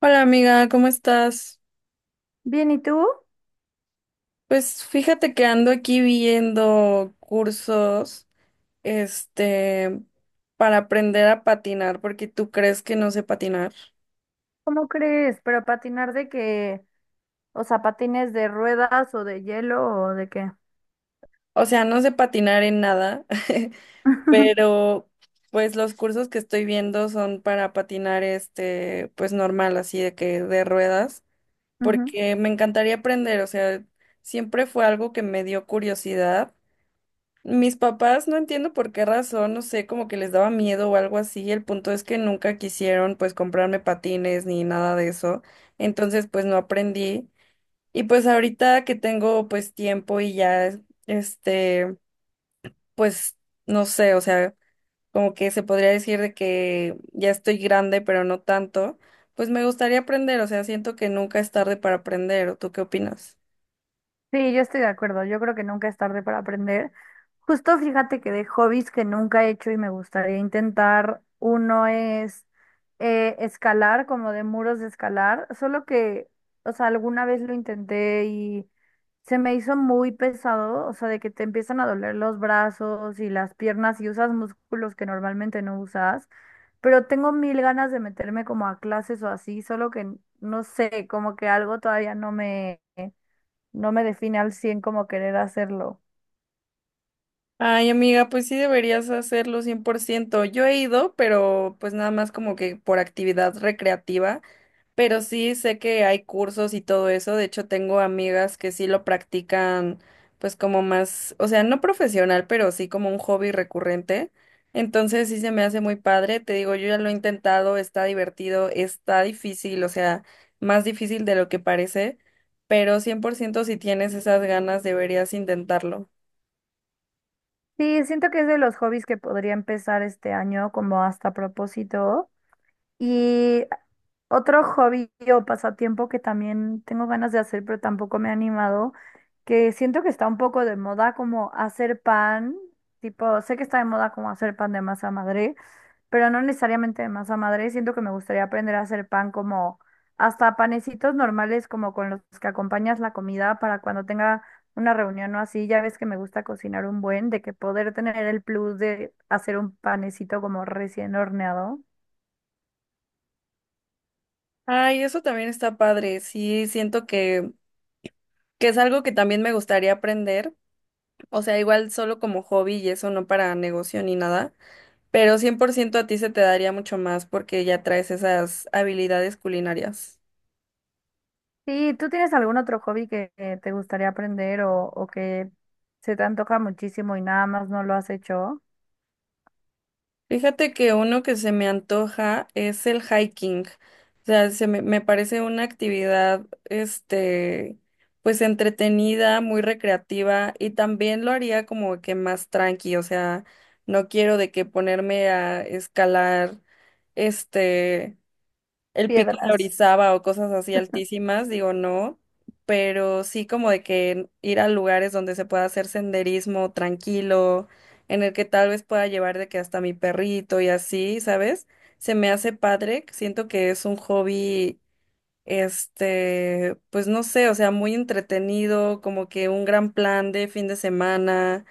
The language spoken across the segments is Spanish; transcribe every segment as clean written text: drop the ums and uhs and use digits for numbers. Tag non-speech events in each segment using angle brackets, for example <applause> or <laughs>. Hola amiga, ¿cómo estás? Bien, ¿y tú? Pues fíjate que ando aquí viendo cursos, este, para aprender a patinar, porque tú crees que no sé patinar. ¿Cómo crees? ¿Pero patinar de qué? O sea, ¿patines de ruedas o de hielo o de qué? O sea, no sé patinar en nada, <laughs> <laughs> pero pues los cursos que estoy viendo son para patinar, pues normal, así de que de ruedas, Ujú. porque me encantaría aprender, o sea, siempre fue algo que me dio curiosidad. Mis papás, no entiendo por qué razón, no sé, como que les daba miedo o algo así. El punto es que nunca quisieron pues comprarme patines ni nada de eso. Entonces pues no aprendí. Y pues ahorita que tengo pues tiempo y ya, este pues no sé, o sea, como que se podría decir de que ya estoy grande, pero no tanto, pues me gustaría aprender, o sea, siento que nunca es tarde para aprender. ¿O tú qué opinas? Sí, yo estoy de acuerdo. Yo creo que nunca es tarde para aprender. Justo fíjate que de hobbies que nunca he hecho y me gustaría intentar, uno es escalar, como de muros de escalar, solo que, o sea, alguna vez lo intenté y se me hizo muy pesado, o sea, de que te empiezan a doler los brazos y las piernas y usas músculos que normalmente no usas, pero tengo mil ganas de meterme como a clases o así, solo que no sé, como que algo todavía no me define al 100 como querer hacerlo. Ay, amiga, pues sí deberías hacerlo 100%. Yo he ido, pero pues nada más como que por actividad recreativa, pero sí sé que hay cursos y todo eso. De hecho, tengo amigas que sí lo practican pues como más, o sea, no profesional, pero sí como un hobby recurrente. Entonces sí se me hace muy padre. Te digo, yo ya lo he intentado, está divertido, está difícil, o sea, más difícil de lo que parece, pero 100% si tienes esas ganas deberías intentarlo. Sí, siento que es de los hobbies que podría empezar este año como hasta propósito. Y otro hobby o pasatiempo que también tengo ganas de hacer, pero tampoco me he animado, que siento que está un poco de moda como hacer pan, tipo, sé que está de moda como hacer pan de masa madre, pero no necesariamente de masa madre. Siento que me gustaría aprender a hacer pan como hasta panecitos normales, como con los que acompañas la comida para cuando tenga una reunión o así. Ya ves que me gusta cocinar un buen, de que poder tener el plus de hacer un panecito como recién horneado. Ay, eso también está padre. Sí, siento que es algo que también me gustaría aprender. O sea, igual solo como hobby y eso, no para negocio ni nada. Pero 100% a ti se te daría mucho más porque ya traes esas habilidades culinarias. Sí, ¿tú tienes algún otro hobby que te gustaría aprender o que se te antoja muchísimo y nada más no lo has hecho? Fíjate que uno que se me antoja es el hiking. O sea, se me, me parece una actividad, pues entretenida, muy recreativa y también lo haría como que más tranqui. O sea, no quiero de que ponerme a escalar, este el pico de Piedras. Orizaba o cosas así altísimas, digo no, pero sí como de que ir a lugares donde se pueda hacer senderismo tranquilo, en el que tal vez pueda llevar de que hasta mi perrito y así, ¿sabes? Se me hace padre, siento que es un hobby, pues no sé, o sea, muy entretenido, como que un gran plan de fin de semana.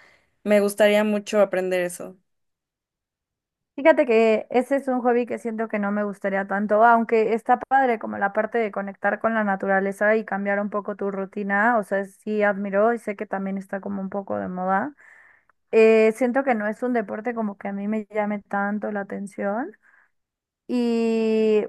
Me gustaría mucho aprender eso. Fíjate que ese es un hobby que siento que no me gustaría tanto, aunque está padre como la parte de conectar con la naturaleza y cambiar un poco tu rutina, o sea, sí admiro y sé que también está como un poco de moda. Siento que no es un deporte como que a mí me llame tanto la atención y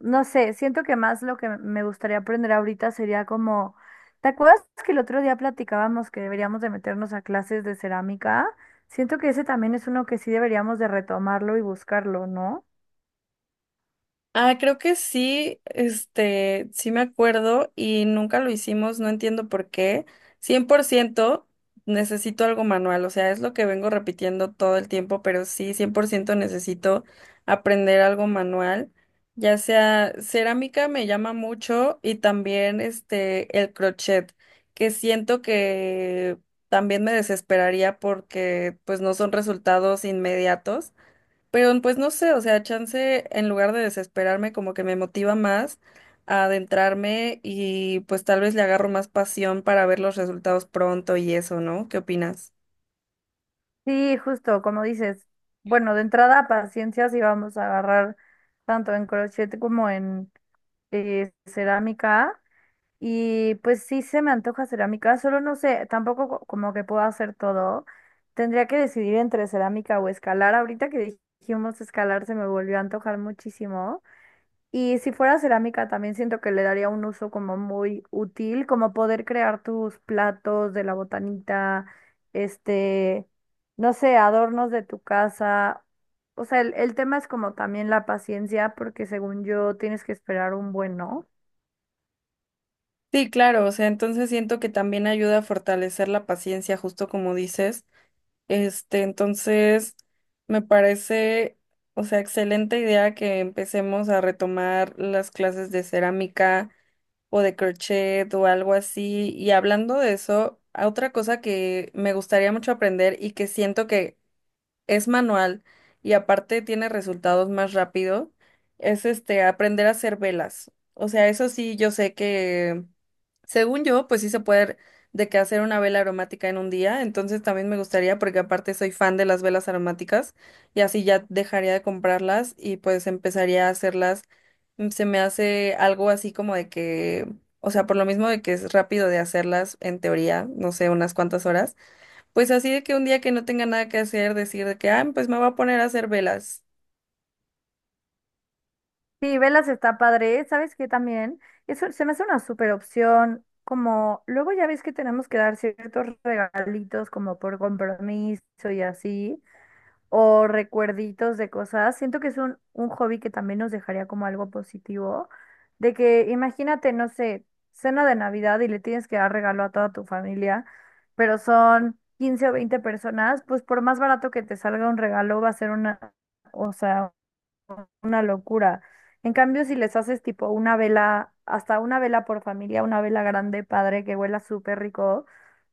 no sé, siento que más lo que me gustaría aprender ahorita sería como, ¿te acuerdas que el otro día platicábamos que deberíamos de meternos a clases de cerámica? Siento que ese también es uno que sí deberíamos de retomarlo y buscarlo, ¿no? Ah, creo que sí, sí me acuerdo y nunca lo hicimos, no entiendo por qué. 100% necesito algo manual, o sea, es lo que vengo repitiendo todo el tiempo, pero sí, 100% necesito aprender algo manual, ya sea cerámica me llama mucho, y también el crochet, que siento que también me desesperaría porque pues no son resultados inmediatos. Pero pues no sé, o sea, chance en lugar de desesperarme como que me motiva más a adentrarme y pues tal vez le agarro más pasión para ver los resultados pronto y eso, ¿no? ¿Qué opinas? Sí, justo, como dices, bueno, de entrada, paciencia si vamos a agarrar tanto en crochet como en cerámica. Y pues sí se me antoja cerámica, solo no sé, tampoco como que puedo hacer todo. Tendría que decidir entre cerámica o escalar. Ahorita que dijimos escalar se me volvió a antojar muchísimo. Y si fuera cerámica, también siento que le daría un uso como muy útil, como poder crear tus platos de la botanita, este, no sé, adornos de tu casa. O sea, el tema es como también la paciencia, porque según yo tienes que esperar un buen, ¿no? Sí, claro, o sea, entonces siento que también ayuda a fortalecer la paciencia, justo como dices. Entonces, me parece, o sea, excelente idea que empecemos a retomar las clases de cerámica o de crochet o algo así. Y hablando de eso, a otra cosa que me gustaría mucho aprender y que siento que es manual y aparte tiene resultados más rápido, es aprender a hacer velas. O sea, eso sí, yo sé que, según yo, pues sí se puede de que hacer una vela aromática en un día, entonces también me gustaría porque aparte soy fan de las velas aromáticas y así ya dejaría de comprarlas y pues empezaría a hacerlas. Se me hace algo así como de que, o sea, por lo mismo de que es rápido de hacerlas en teoría, no sé, unas cuantas horas. Pues así de que un día que no tenga nada que hacer, decir de que, ah, pues me voy a poner a hacer velas. Sí, velas está padre. ¿Sabes qué también? Eso se me hace una super opción. Como luego ya ves que tenemos que dar ciertos regalitos como por compromiso y así. O recuerditos de cosas. Siento que es un hobby que también nos dejaría como algo positivo, de que imagínate, no sé, cena de Navidad y le tienes que dar regalo a toda tu familia, pero son 15 o 20 personas, pues por más barato que te salga un regalo va a ser una, o sea, una locura. En cambio, si les haces tipo una vela, hasta una vela por familia, una vela grande, padre, que huela súper rico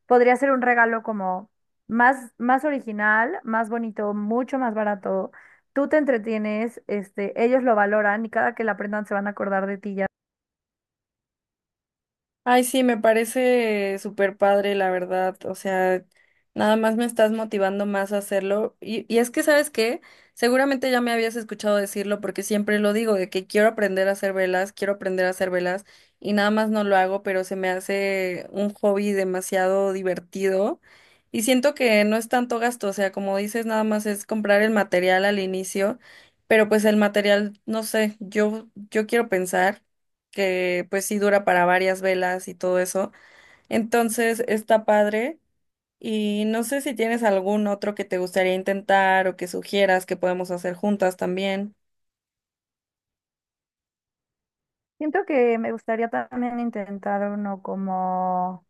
podría ser un regalo como más, más original, más bonito, mucho más barato. Tú te entretienes, este, ellos lo valoran y cada que la aprendan se van a acordar de ti ya. Ay, sí, me parece súper padre, la verdad. O sea, nada más me estás motivando más a hacerlo. Y es que, ¿sabes qué? Seguramente ya me habías escuchado decirlo porque siempre lo digo, de que quiero aprender a hacer velas, quiero aprender a hacer velas y nada más no lo hago, pero se me hace un hobby demasiado divertido. Y siento que no es tanto gasto, o sea, como dices, nada más es comprar el material al inicio, pero pues el material, no sé, yo quiero pensar que pues sí dura para varias velas y todo eso. Entonces está padre, y no sé si tienes algún otro que te gustaría intentar o que sugieras que podemos hacer juntas también. Siento que me gustaría también intentar uno como,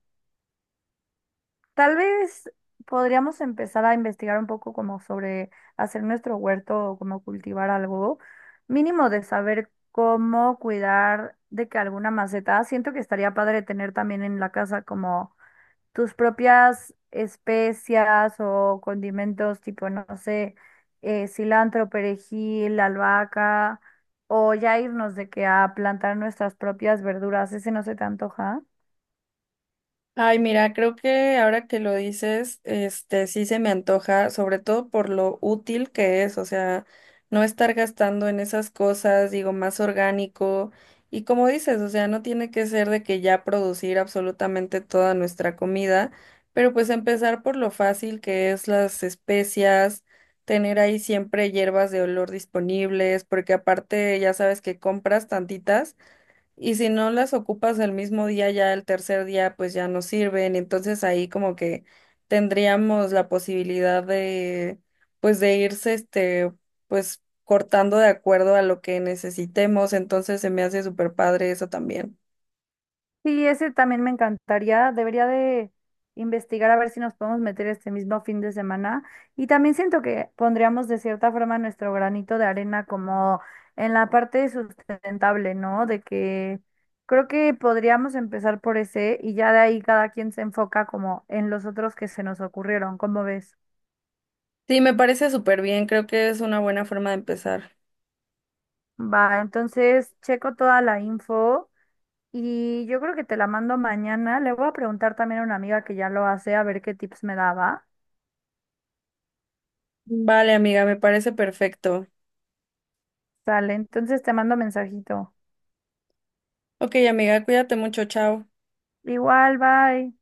tal vez podríamos empezar a investigar un poco como sobre hacer nuestro huerto o como cultivar algo, mínimo de saber cómo cuidar de que alguna maceta, siento que estaría padre tener también en la casa como tus propias especias o condimentos tipo, no sé, cilantro, perejil, albahaca, o ya irnos de que a plantar nuestras propias verduras, ¿ese no se te antoja? Ay, mira, creo que ahora que lo dices, este sí se me antoja, sobre todo por lo útil que es, o sea, no estar gastando en esas cosas, digo, más orgánico. Y como dices, o sea, no tiene que ser de que ya producir absolutamente toda nuestra comida, pero pues empezar por lo fácil que es las especias, tener ahí siempre hierbas de olor disponibles, porque aparte ya sabes que compras tantitas y si no las ocupas el mismo día, ya el tercer día, pues ya no sirven. Entonces ahí como que tendríamos la posibilidad de, pues de irse, pues cortando de acuerdo a lo que necesitemos. Entonces se me hace súper padre eso también. Sí, ese también me encantaría. Debería de investigar a ver si nos podemos meter este mismo fin de semana. Y también siento que pondríamos de cierta forma nuestro granito de arena como en la parte sustentable, ¿no? De que creo que podríamos empezar por ese y ya de ahí cada quien se enfoca como en los otros que se nos ocurrieron, ¿cómo ves? Sí, me parece súper bien. Creo que es una buena forma de empezar. Va, entonces checo toda la info. Y yo creo que te la mando mañana. Le voy a preguntar también a una amiga que ya lo hace a ver qué tips me daba. Vale, amiga, me parece perfecto. Sale, entonces te mando mensajito. Ok, amiga, cuídate mucho. Chao. Igual, bye.